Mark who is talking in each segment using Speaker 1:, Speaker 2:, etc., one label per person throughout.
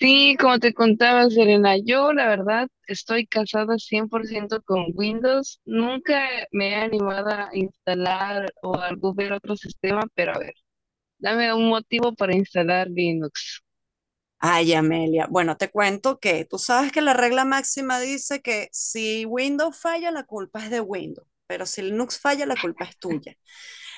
Speaker 1: Sí, como te contaba, Serena, yo la verdad estoy casada 100% con Windows. Nunca me he animado a instalar o a ver otro sistema, pero a ver, dame un motivo para instalar Linux.
Speaker 2: Ay, Amelia, bueno, te cuento que tú sabes que la regla máxima dice que si Windows falla, la culpa es de Windows, pero si Linux falla, la culpa es tuya.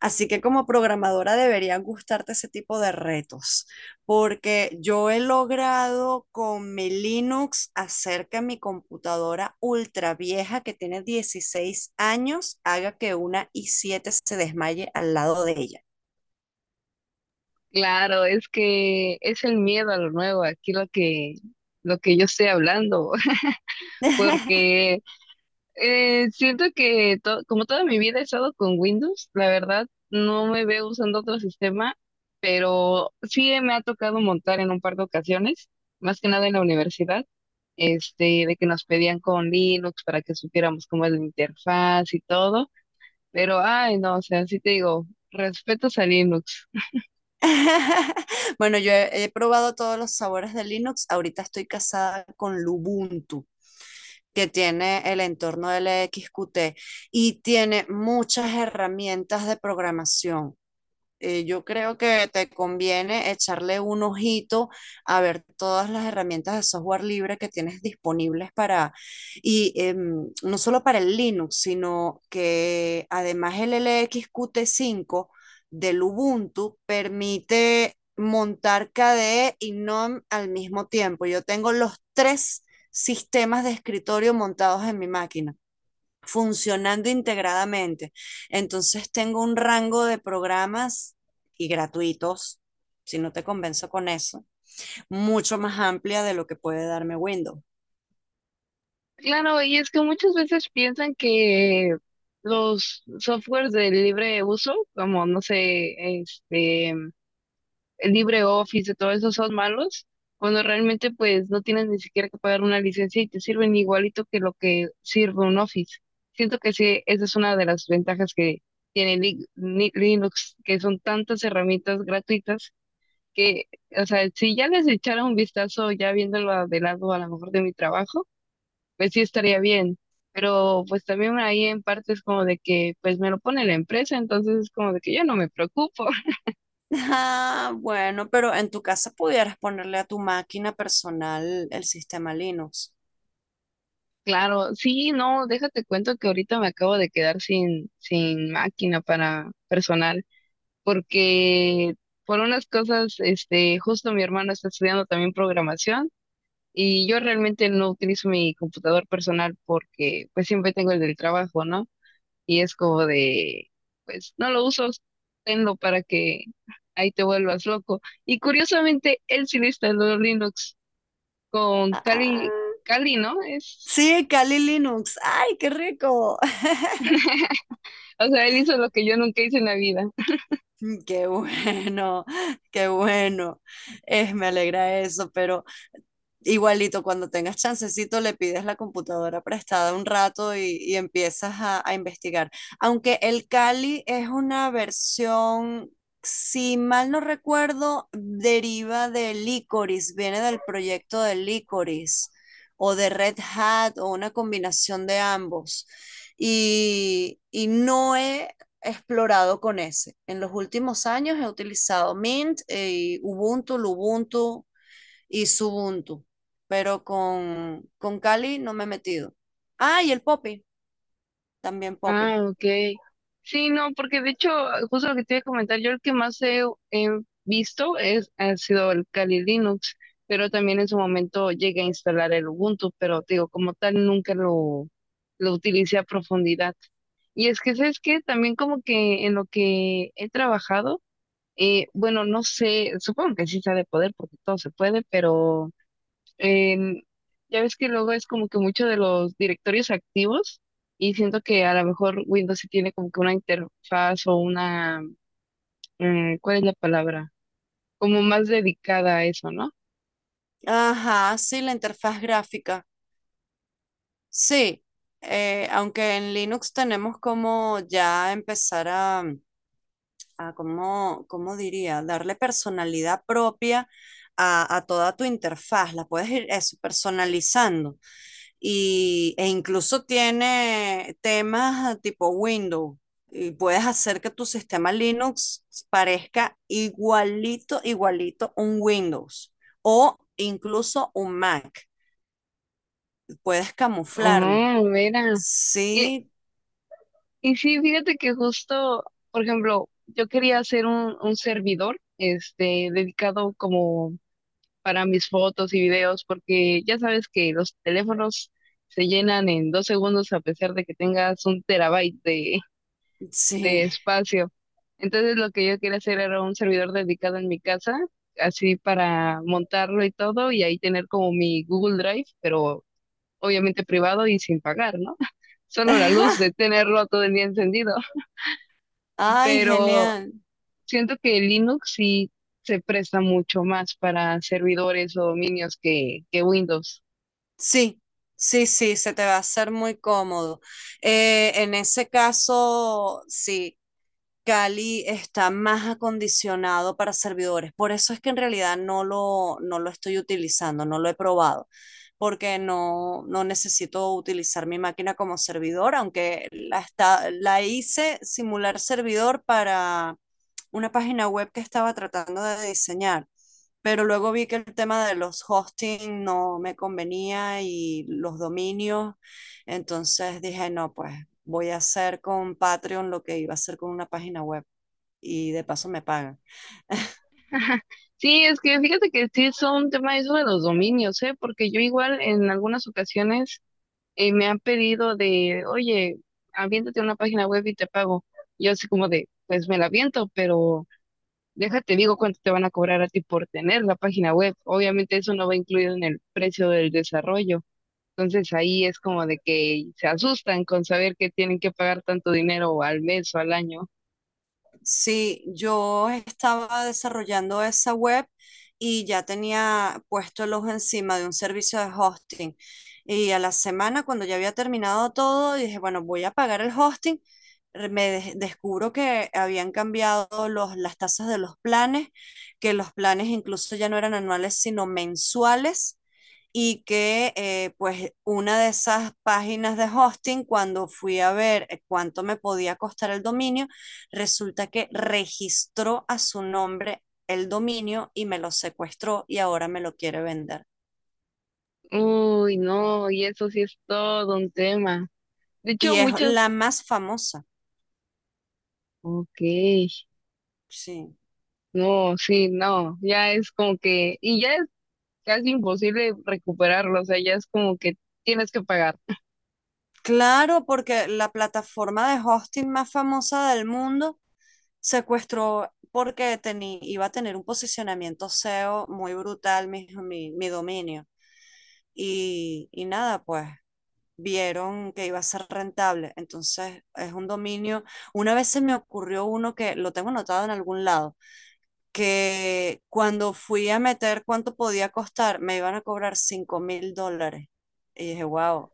Speaker 2: Así que como programadora deberían gustarte ese tipo de retos, porque yo he logrado con mi Linux hacer que mi computadora ultra vieja que tiene 16 años haga que una i7 se desmaye al lado de ella.
Speaker 1: Claro, es que es el miedo a lo nuevo, aquí lo que yo estoy hablando, porque siento que como toda mi vida he estado con Windows, la verdad no me veo usando otro sistema, pero sí me ha tocado montar en un par de ocasiones, más que nada en la universidad, este, de que nos pedían con Linux para que supiéramos cómo es la interfaz y todo, pero ay no, o sea, sí te digo, respetos a Linux.
Speaker 2: Bueno, yo he probado todos los sabores de Linux. Ahorita estoy casada con Lubuntu, que tiene el entorno LXQT y tiene muchas herramientas de programación. Yo creo que te conviene echarle un ojito a ver todas las herramientas de software libre que tienes disponibles para, y no solo para el Linux, sino que además el LXQT 5 del Ubuntu permite montar KDE y GNOME al mismo tiempo. Yo tengo los tres sistemas de escritorio montados en mi máquina funcionando integradamente. Entonces tengo un rango de programas y gratuitos, si no te convenzo con eso, mucho más amplia de lo que puede darme Windows.
Speaker 1: Claro, y es que muchas veces piensan que los softwares de libre uso, como no sé, este el LibreOffice, de todo eso son malos, cuando realmente pues no tienes ni siquiera que pagar una licencia y te sirven igualito que lo que sirve un Office. Siento que sí, esa es una de las ventajas que tiene Linux, que son tantas herramientas gratuitas que, o sea, si ya les echara un vistazo ya viéndolo a de lado a lo mejor de mi trabajo, pues sí estaría bien. Pero pues también ahí en parte es como de que pues me lo pone la empresa, entonces es como de que yo no me preocupo.
Speaker 2: Ah, bueno, pero en tu casa pudieras ponerle a tu máquina personal el sistema Linux.
Speaker 1: Claro, sí, no, déjate cuento que ahorita me acabo de quedar sin máquina para personal, porque por unas cosas, este, justo mi hermano está estudiando también programación y yo realmente no utilizo mi computador personal porque pues siempre tengo el del trabajo, ¿no? Y es como de, pues no lo uso, tenlo para que ahí te vuelvas loco. Y curiosamente, él sí le instaló Linux con Kali,
Speaker 2: Ah,
Speaker 1: Kali, ¿no? Es.
Speaker 2: sí, Kali Linux. ¡Ay, qué rico!
Speaker 1: O sea, él hizo lo que yo nunca hice en la vida.
Speaker 2: Qué bueno, qué bueno. Es, me alegra eso, pero igualito, cuando tengas chancecito, le pides la computadora prestada un rato y empiezas a investigar. Aunque el Kali es una versión, si mal no recuerdo, deriva de Licorice, viene del proyecto de Licorice o de Red Hat o una combinación de ambos. Y no he explorado con ese. En los últimos años he utilizado Mint, y Ubuntu, Lubuntu y Ubuntu, pero con Kali no me he metido. Ah, y el Poppy, también Poppy.
Speaker 1: Ah, ok. Sí, no, porque de hecho, justo lo que te iba a comentar, yo el que más he visto es, ha sido el Kali Linux, pero también en su momento llegué a instalar el Ubuntu, pero te digo, como tal, nunca lo utilicé a profundidad. Y es que, ¿sabes qué? También como que en lo que he trabajado, bueno, no sé, supongo que sí se ha de poder porque todo se puede, pero em, ya ves que luego es como que mucho de los directorios activos y siento que a lo mejor Windows sí tiene como que una interfaz o una, ¿cuál es la palabra? Como más dedicada a eso, ¿no?
Speaker 2: Ajá, sí, la interfaz gráfica. Sí, aunque en Linux tenemos como ya empezar a ¿cómo diría? Darle personalidad propia a toda tu interfaz, la puedes ir eso, personalizando. E incluso tiene temas tipo Windows y puedes hacer que tu sistema Linux parezca igualito, igualito un Windows o incluso un Mac. Puedes camuflarlo.
Speaker 1: Oh, mira. Y,
Speaker 2: Sí,
Speaker 1: y sí, fíjate que justo, por ejemplo, yo quería hacer un, servidor, este, dedicado como para mis fotos y videos, porque ya sabes que los teléfonos se llenan en 2 segundos a pesar de que tengas un terabyte de
Speaker 2: sí.
Speaker 1: espacio. Entonces lo que yo quería hacer era un servidor dedicado en mi casa, así para montarlo y todo, y ahí tener como mi Google Drive, pero obviamente privado y sin pagar, ¿no? Solo la luz de tenerlo todo el día encendido.
Speaker 2: Ay,
Speaker 1: Pero
Speaker 2: genial.
Speaker 1: siento que Linux sí se presta mucho más para servidores o dominios que Windows.
Speaker 2: Sí, sí, sí, se te va a hacer muy cómodo. En ese caso, sí, Cali está más acondicionado para servidores. Por eso es que en realidad no lo estoy utilizando, no lo he probado, porque no necesito utilizar mi máquina como servidor, aunque la, está, la hice simular servidor para una página web que estaba tratando de diseñar, pero luego vi que el tema de los hosting no me convenía y los dominios. Entonces dije, no, pues voy a hacer con Patreon lo que iba a hacer con una página web y de paso me pagan.
Speaker 1: Sí, es que fíjate que sí es un tema eso de los dominios, ¿eh? Porque yo igual en algunas ocasiones me han pedido de, oye, aviéntate una página web y te pago. Yo así como de, pues me la aviento, pero déjate, digo cuánto te van a cobrar a ti por tener la página web. Obviamente eso no va incluido en el precio del desarrollo. Entonces ahí es como de que se asustan con saber que tienen que pagar tanto dinero al mes o al año.
Speaker 2: Sí, yo estaba desarrollando esa web y ya tenía puesto el ojo encima de un servicio de hosting. Y a la semana, cuando ya había terminado todo, dije, bueno, voy a pagar el hosting. Descubro que habían cambiado las tasas de los planes, que los planes incluso ya no eran anuales, sino mensuales. Y que pues una de esas páginas de hosting, cuando fui a ver cuánto me podía costar el dominio, resulta que registró a su nombre el dominio y me lo secuestró y ahora me lo quiere vender.
Speaker 1: Uy, no, y eso sí es todo un tema. De hecho,
Speaker 2: Y es
Speaker 1: muchos,
Speaker 2: la más famosa,
Speaker 1: ok,
Speaker 2: sí.
Speaker 1: no, sí, no, ya es como que, y ya casi imposible recuperarlo, o sea, ya es como que tienes que pagar.
Speaker 2: Claro, porque la plataforma de hosting más famosa del mundo secuestró porque tenía, iba a tener un posicionamiento SEO muy brutal mi dominio. Y nada, pues vieron que iba a ser rentable. Entonces es un dominio. Una vez se me ocurrió uno que lo tengo anotado en algún lado que cuando fui a meter cuánto podía costar, me iban a cobrar $5.000. Y dije, wow,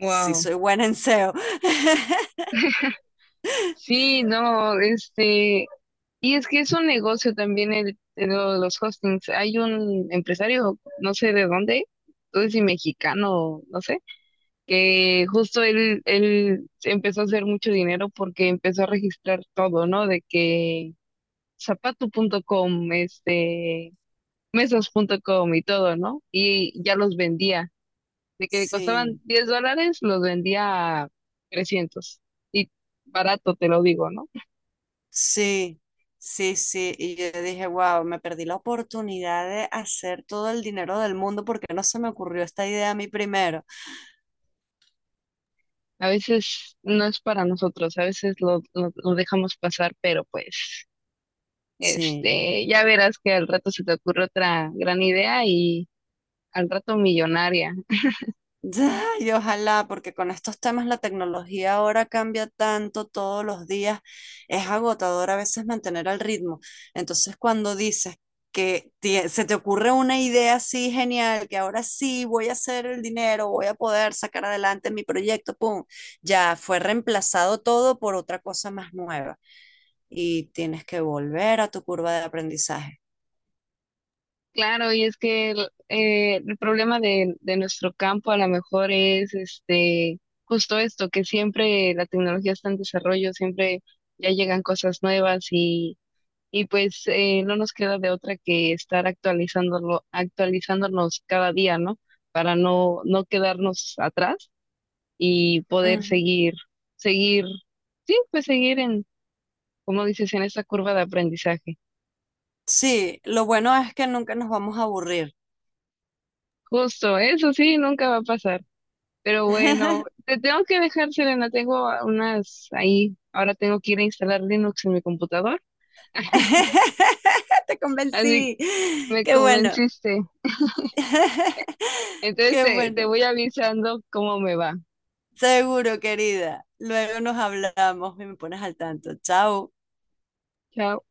Speaker 2: sí soy buena en SEO.
Speaker 1: Sí, no, este, y es que es un negocio también los hostings. Hay un empresario, no sé de dónde, no sé si mexicano, no sé, que justo él empezó a hacer mucho dinero porque empezó a registrar todo, ¿no? De que zapato punto com, este, mesas punto com y todo, ¿no? Y ya los vendía. De que costaban
Speaker 2: Sí,
Speaker 1: $10, los vendía a 300. Y barato, te lo digo, ¿no?
Speaker 2: sí, sí, sí. Y yo dije, wow, me perdí la oportunidad de hacer todo el dinero del mundo porque no se me ocurrió esta idea a mí primero.
Speaker 1: A veces no es para nosotros, a veces lo dejamos pasar, pero pues,
Speaker 2: Sí.
Speaker 1: este, ya verás que al rato se te ocurre otra gran idea y al rato millonaria.
Speaker 2: Ya, y ojalá, porque con estos temas la tecnología ahora cambia tanto todos los días, es agotador a veces mantener al ritmo. Entonces, cuando dices que se te ocurre una idea así genial, que ahora sí voy a hacer el dinero, voy a poder sacar adelante mi proyecto, pum, ya fue reemplazado todo por otra cosa más nueva y tienes que volver a tu curva de aprendizaje.
Speaker 1: Claro, y es que el problema de nuestro campo a lo mejor es este, justo esto, que siempre la tecnología está en desarrollo, siempre ya llegan cosas nuevas y pues no nos queda de otra que estar actualizándolo, actualizándonos cada día, ¿no? Para no quedarnos atrás y poder
Speaker 2: Ujú.
Speaker 1: seguir, seguir, sí, pues seguir en, como dices, en esta curva de aprendizaje.
Speaker 2: Sí, lo bueno es que nunca nos vamos a aburrir.
Speaker 1: Justo, eso sí, nunca va a pasar. Pero bueno, te tengo que dejar, Selena, tengo unas ahí, ahora tengo que ir a instalar Linux en mi computador,
Speaker 2: Te
Speaker 1: así
Speaker 2: convencí.
Speaker 1: me
Speaker 2: Qué bueno.
Speaker 1: convenciste. Entonces,
Speaker 2: Qué
Speaker 1: te
Speaker 2: bueno.
Speaker 1: voy avisando cómo me va.
Speaker 2: Seguro, querida. Luego nos hablamos y me pones al tanto. Chao.
Speaker 1: Chao.